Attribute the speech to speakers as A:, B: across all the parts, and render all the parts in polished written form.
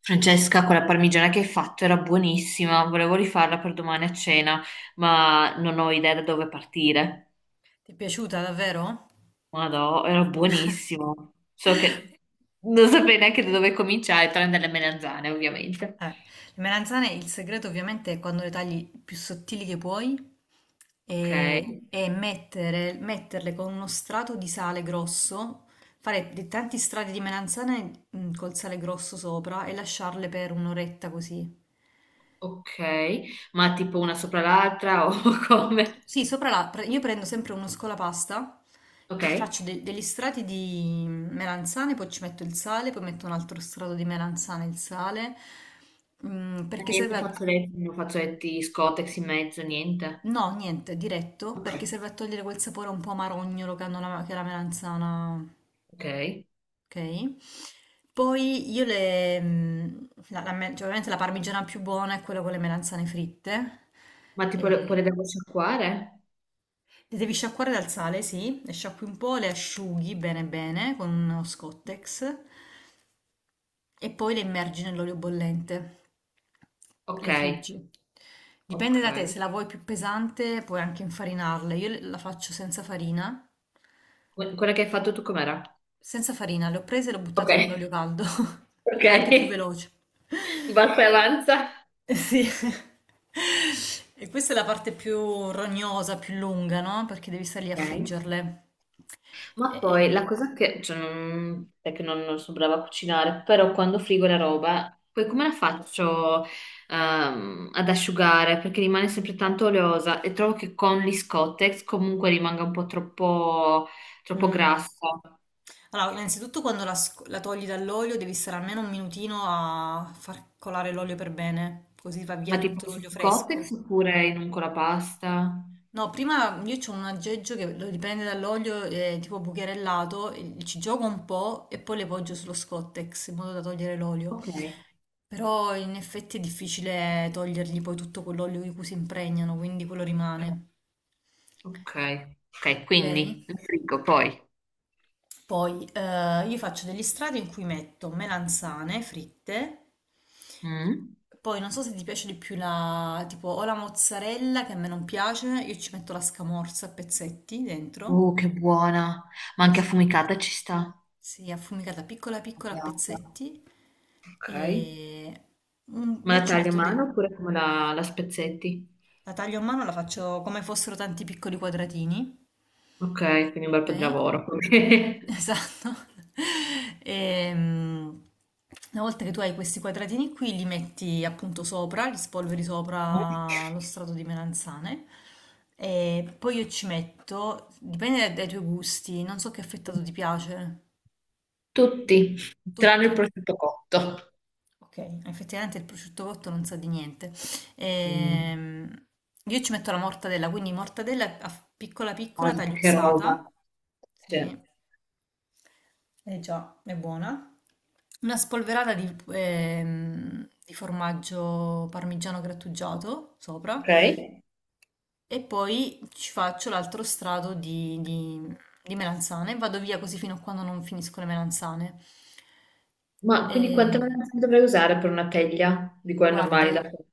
A: Francesca, quella parmigiana che hai fatto era buonissima, volevo rifarla per domani a cena, ma non ho idea da dove partire.
B: Ti è piaciuta davvero?
A: Madò, era buonissimo. So che non saprei neanche da dove cominciare, tranne dalle melanzane, ovviamente.
B: Le melanzane, il segreto ovviamente è quando le tagli più sottili che puoi
A: Ok,
B: e, metterle con uno strato di sale grosso, fare dei tanti strati di melanzane col sale grosso sopra e lasciarle per un'oretta così.
A: ok, ma tipo una sopra l'altra o come?
B: Sì, sopra io prendo sempre uno scolapasta
A: Ok.
B: e faccio degli strati di melanzane, poi ci metto il sale, poi metto un altro strato di melanzane e il sale,
A: Ma
B: perché
A: niente
B: serve a...
A: fazzoletti, non fazzoletti scotex in mezzo, niente.
B: No, niente, diretto,
A: Ok,
B: perché serve a togliere quel sapore un po' amarognolo che hanno che la melanzana,
A: ok,
B: ok? Poi io cioè, ovviamente la parmigiana più buona è quella con le melanzane fritte,
A: ma tipo le, poi le
B: e
A: devo sciacquare?
B: le devi sciacquare dal sale, sì, le sciacqui un po', le asciughi bene bene con uno Scottex e poi le immergi nell'olio bollente.
A: Ok,
B: Le friggi. Dipende
A: ok.
B: da te, se la vuoi più pesante puoi anche infarinarle. Io la faccio senza farina.
A: Quella che hai fatto tu com'era?
B: Senza farina, le ho prese e le ho
A: Ok,
B: buttate nell'olio caldo.
A: ok,
B: È anche più veloce.
A: basta e avanza.
B: Eh sì. E questa è la parte più rognosa, più lunga, no? Perché devi stare lì a
A: Ok.
B: friggerle.
A: Ma poi la
B: E,
A: cosa che, cioè, non, è che non, non sono brava a cucinare, però quando frigo la roba, poi come la faccio ad asciugare? Perché rimane sempre tanto oleosa e trovo che con gli Scottex comunque rimanga un po' troppo, troppo
B: mm.
A: grassa.
B: Allora, innanzitutto quando la togli dall'olio devi stare almeno un minutino a far colare l'olio per bene, così va via
A: Ma
B: tutto
A: tipo su
B: l'olio fresco.
A: Scottex oppure in un colapasta?
B: No, prima io ho un aggeggio che lo dipende dall'olio, tipo bucherellato, e ci gioco un po' e poi le poggio sullo Scottex in modo da togliere l'olio.
A: Ok,
B: Però in effetti è difficile togliergli poi tutto quell'olio di cui si impregnano, quindi quello rimane.
A: ok, ok,
B: Ok?
A: quindi lo frigo poi.
B: Poi io faccio degli strati in cui metto melanzane fritte,
A: Mm.
B: poi non so se ti piace di più tipo o la mozzarella che a me non piace, io ci metto la scamorza a pezzetti dentro,
A: Oh, che buona. Ma anche
B: sì,
A: affumicata ci sta.
B: sì, affumicata piccola piccola a
A: Andata.
B: pezzetti
A: Ok.
B: e
A: Ma
B: io
A: la
B: ci
A: tagli a
B: metto,
A: mano
B: de-
A: oppure come la, la spezzetti?
B: la taglio a mano, la faccio come fossero tanti piccoli quadratini,
A: Ok, quindi un bel po' di
B: ok?
A: lavoro.
B: Esatto. Ehm, una volta che tu hai questi quadratini qui, li metti appunto sopra, li spolveri
A: Ok. Eh?
B: sopra lo strato di melanzane e poi io ci metto, dipende dai tuoi gusti, non so che affettato ti piace,
A: Tutti, tranne il
B: tutti.
A: prosciutto cotto.
B: Ok, effettivamente il prosciutto cotto non sa di niente.
A: Mm.
B: Ehm, io ci metto la mortadella, quindi mortadella piccola piccola
A: Guarda che
B: tagliuzzata.
A: roba. Sì.
B: Sì. Eh già, è buona. Una spolverata di formaggio parmigiano grattugiato sopra
A: Ok.
B: e poi ci faccio l'altro strato di melanzane. Vado via così fino a quando non finisco le melanzane.
A: Ma quindi quante
B: E,
A: melanzane dovrei usare per una teglia di quelle
B: guarda,
A: normali da fare?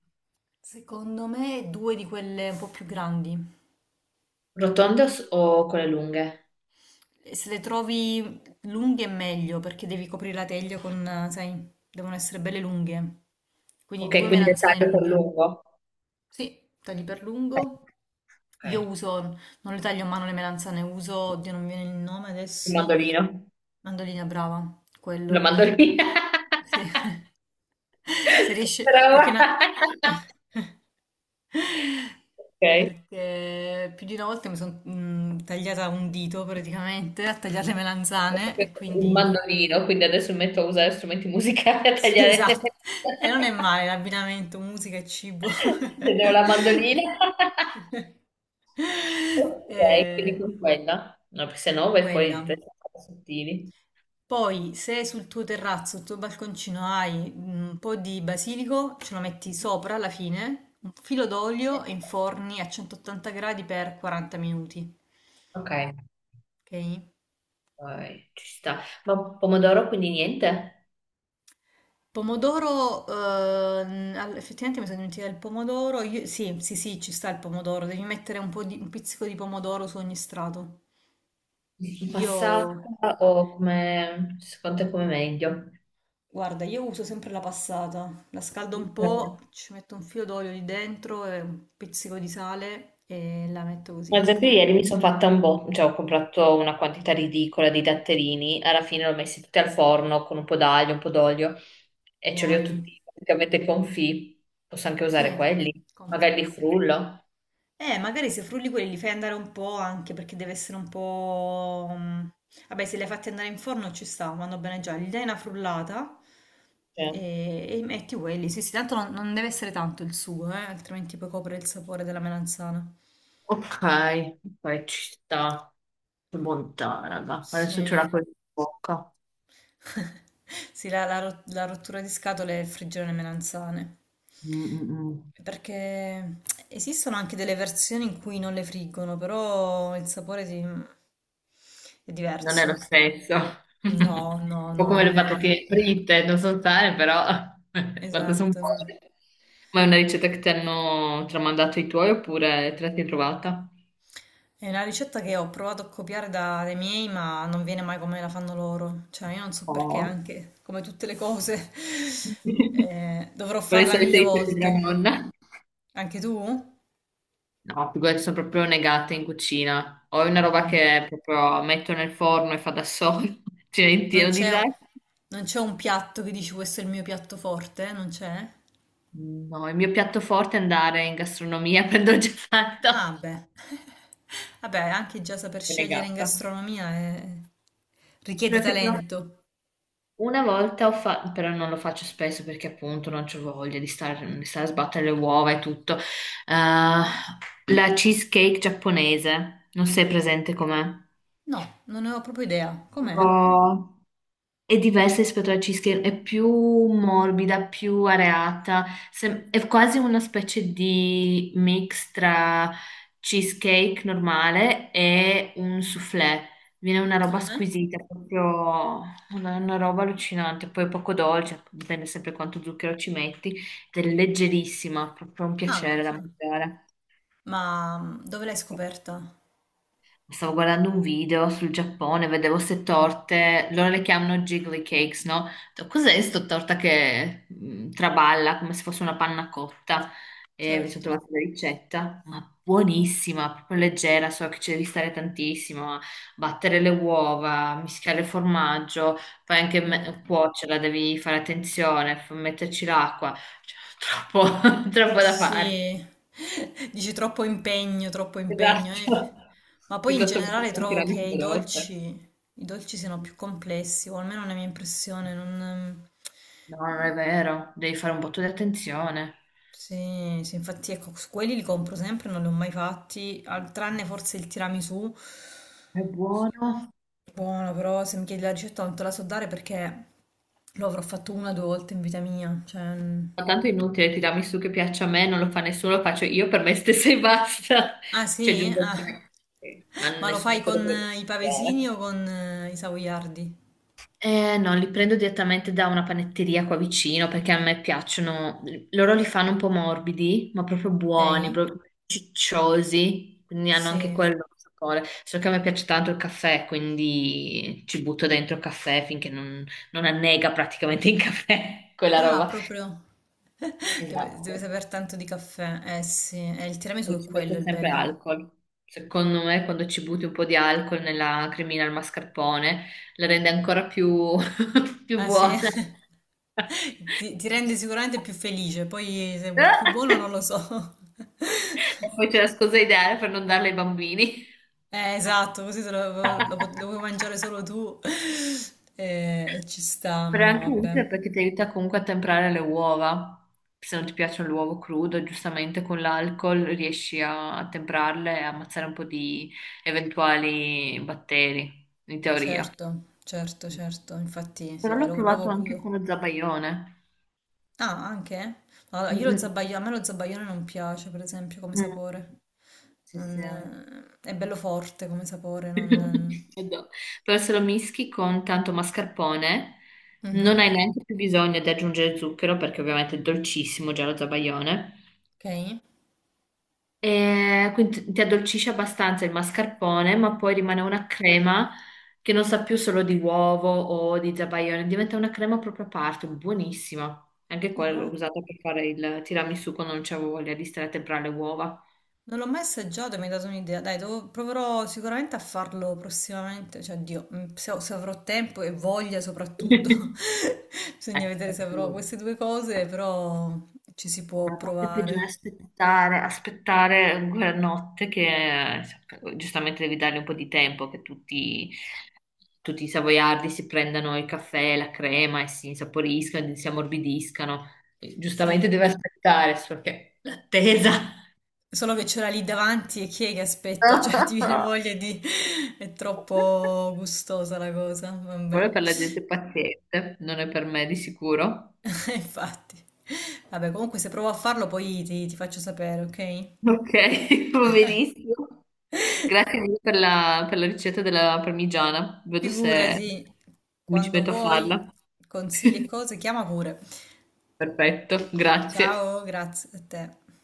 B: secondo me due di quelle un po' più grandi.
A: Rotonde o, o quelle lunghe?
B: E se le trovi lunghe è meglio perché devi coprire la teglia con, sai, devono essere belle lunghe. Quindi
A: Ok,
B: due
A: quindi le
B: melanzane
A: taglio col
B: lunghe.
A: lungo.
B: Sì, tagli per lungo. Io
A: Ok.
B: uso, non le taglio a mano le melanzane, uso, oddio non mi viene il nome
A: Il
B: adesso,
A: mandolino.
B: mandolina brava,
A: Lo
B: quello.
A: mando lì.
B: Sì. Se riesce,
A: Brava.
B: perché una...
A: Ok.
B: Perché più di una volta mi sono tagliata un dito praticamente a tagliare le melanzane e
A: Il
B: quindi...
A: mandolino, quindi adesso mi metto a usare strumenti musicali a
B: Sì,
A: tagliare le
B: esatto. E non è male l'abbinamento musica e cibo.
A: Vedevo la mandolina. Ok, quindi
B: Eh,
A: con quella. No, perché se no vai fuori
B: quella.
A: di testa con i sottili.
B: Poi, se sul tuo terrazzo, sul tuo balconcino hai un po' di basilico, ce lo metti sopra alla fine, un filo d'olio e inforni a 180 gradi per 40 minuti.
A: Ok,
B: Ok?
A: vai, ci sta. Ma pomodoro quindi niente?
B: Pomodoro, effettivamente mi sono dimenticata il pomodoro. Sì, sì, sì, ci sta il pomodoro. Devi mettere un pizzico di pomodoro su ogni strato. Io
A: Passata o come secondo te come meglio?
B: Guarda, io uso sempre la passata, la scaldo un po',
A: Ok.
B: ci metto un filo d'olio lì dentro e un pizzico di sale e la metto così.
A: Guardate, ieri mi sono fatta un botto, cioè ho comprato una quantità ridicola di datterini, alla fine li ho messi tutti al forno con un po' d'aglio, un po' d'olio e ce li ho
B: Buoni.
A: tutti praticamente confì. Posso anche
B: Sì,
A: usare quelli, magari li
B: confit.
A: frullo.
B: Magari se frulli quelli li fai andare un po' anche perché deve essere un po'... mm, vabbè, se li hai fatti andare in forno ci sta, vanno bene già. Gli dai una frullata
A: Cioè,
B: e metti quelli. Sì, sì, tanto non deve essere tanto il sugo, altrimenti poi copre il sapore della melanzana.
A: ok, ok, ci sta. Che bontà, raga. Adesso ce
B: Sì.
A: l'ho con in bocca.
B: Sì, la rottura di scatole e il friggere le melanzane.
A: Mm, mm, mm.
B: Perché esistono anche delle versioni in cui non le friggono, però il sapore è
A: Non è lo
B: diverso.
A: stesso. Un
B: No, no,
A: po'
B: no,
A: come
B: non
A: le
B: è
A: patatine fritte, non so sane, però quanto sono
B: esatto. No.
A: buone. Ma è una ricetta che ti hanno tramandato i tuoi oppure te la sei trovata?
B: È una ricetta che ho provato a copiare dai miei, ma non viene mai come la fanno loro. Cioè, io non so perché,
A: Oh.
B: anche come tutte le cose, dovrò
A: Quali
B: farla
A: sono le solite
B: mille
A: ricette della
B: volte.
A: nonna?
B: Anche tu?
A: No, figurati, sono proprio negata in cucina. Ho una roba
B: Mm.
A: che proprio metto nel forno e fa da solo. Cioè, in
B: Non
A: tiro
B: c'è un,
A: disastro.
B: non c'è un piatto che dici questo è il mio piatto forte? Eh? Non c'è?
A: No, il mio piatto forte è andare in gastronomia, prendo già fatto.
B: Ah, beh. Vabbè, anche già saper
A: Sono
B: scegliere in
A: negata.
B: gastronomia richiede
A: Perfetto.
B: talento.
A: Una volta ho fatto, però non lo faccio spesso perché appunto non c'ho voglia di stare a sbattere le uova e tutto. La cheesecake giapponese, non sei presente com'è?
B: No, non ne ho proprio idea. Com'è?
A: No. È diversa rispetto alla cheesecake, è più morbida, più areata, è quasi una specie di mix tra cheesecake normale e un soufflé. Viene una roba
B: Mhm.
A: squisita, proprio una roba allucinante, poi poco dolce, dipende sempre quanto zucchero ci metti, ed è leggerissima, proprio un
B: Ah,
A: piacere da
B: ah.
A: mangiare.
B: Ma dove l'hai scoperta?
A: Stavo guardando un video sul Giappone, vedevo ste
B: Ah,
A: torte, loro le chiamano jiggly cakes, no? Ho detto, cos'è sto torta che traballa come se fosse una panna cotta? E mi sono
B: certo.
A: trovata la ricetta, ma buonissima, proprio leggera, so che ci devi stare tantissimo a battere le uova, mischiare il formaggio, poi anche
B: Mm.
A: cuocerla, devi fare attenzione, metterci l'acqua, cioè, troppo, troppo da fare.
B: Sì, dici troppo impegno, troppo impegno. Eh.
A: Esatto.
B: Ma poi in
A: Piuttosto che
B: generale
A: fare
B: trovo che
A: anche la veloce.
B: i dolci siano più complessi, o almeno è una mia impressione. Non...
A: No, non è vero, devi fare un botto di attenzione.
B: Sì, sì, infatti ecco, su quelli li compro sempre, non li ho mai fatti, tranne forse il tiramisù.
A: È buono.
B: Buono, però se mi chiedi la ricetta non te la so dare perché lo avrò fatto una o due volte in vita mia. Cioè... mm,
A: Ma tanto è inutile tirarmi su che piaccia a me, non lo fa nessuno, lo faccio io per me stessa e basta.
B: ah
A: Cioè,
B: sì?
A: giusto,
B: Ah.
A: ma
B: Ma lo
A: nessuno
B: fai
A: può
B: con
A: piacere.
B: i pavesini o con i savoiardi?
A: No, li prendo direttamente da una panetteria qua vicino perché a me piacciono. Loro li fanno un po' morbidi, ma proprio
B: Ok?
A: buoni, proprio cicciosi, quindi hanno anche
B: Sì.
A: quello sapore. Solo che a me piace tanto il caffè, quindi ci butto dentro il caffè finché non, non annega praticamente il caffè, quella
B: Ah,
A: roba.
B: proprio. Deve, deve
A: Esatto.
B: saper tanto di caffè. Eh sì, il
A: O
B: tiramisù è
A: ci
B: quello
A: mette
B: il
A: sempre
B: bello.
A: alcol. Secondo me, quando ci butti un po' di alcol nella cremina al mascarpone, la rende ancora più, più
B: Ah sì?
A: buona.
B: Ti rende sicuramente più felice, poi se è più buono non lo so.
A: E poi c'è la scusa ideale per non darla ai bambini.
B: Esatto, così lo puoi mangiare solo tu. E, ci sta,
A: Però è
B: no,
A: anche
B: vabbè.
A: utile perché ti aiuta comunque a temprare le uova. Se non ti piace l'uovo crudo, giustamente con l'alcol riesci a, a temprarle e a ammazzare un po' di eventuali batteri, in teoria.
B: Certo, certo, certo, infatti sì,
A: Però
B: vabbè,
A: l'ho provato
B: l'uovo
A: anche
B: crudo.
A: con lo zabaione.
B: Ah, anche? Eh? Allora,
A: Mm,
B: a me lo zabaione non piace, per esempio, come
A: mm, mm.
B: sapore.
A: Sì, sì.
B: Non... è bello forte come sapore, non...
A: Adoro. Però se lo mischi con tanto mascarpone, non
B: Mhm,
A: hai neanche più bisogno di aggiungere zucchero perché ovviamente è dolcissimo già lo zabaione.
B: ok.
A: E quindi ti addolcisce abbastanza il mascarpone, ma poi rimane una crema che non sa più solo di uovo o di zabaione, diventa una crema proprio a parte, buonissima. Anche quella
B: Ah,
A: l'ho
B: va.
A: usata per fare il tiramisù quando non c'avevo voglia di stare a temprare le uova.
B: Non l'ho mai assaggiato e mi hai dato un'idea. Dai, proverò sicuramente a farlo prossimamente, cioè, Dio, se avrò tempo e voglia soprattutto. Bisogna vedere se avrò
A: Ecco,
B: queste due cose, però ci si può
A: la parte peggiore è
B: provare.
A: aspettare, aspettare quella notte che giustamente devi dargli un po' di tempo che tutti, tutti i savoiardi si prendano il caffè, la crema e si insaporiscano, e si ammorbidiscano.
B: Sì.
A: Giustamente deve aspettare, solo che l'attesa.
B: Solo che ce l'ha lì davanti e chi è che aspetta? Cioè, ti viene voglia di... È troppo gustosa la cosa.
A: Quello è
B: Vabbè,
A: per la gente paziente, non è per me di sicuro.
B: infatti. Vabbè, comunque se provo a farlo poi ti faccio sapere, ok?
A: Ok, va benissimo. Grazie mille per la ricetta della parmigiana. Vedo se
B: Figurati,
A: mi ci
B: quando
A: metto a
B: vuoi,
A: farla.
B: consigli e cose, chiama pure.
A: Perfetto, grazie.
B: Ciao, grazie a te.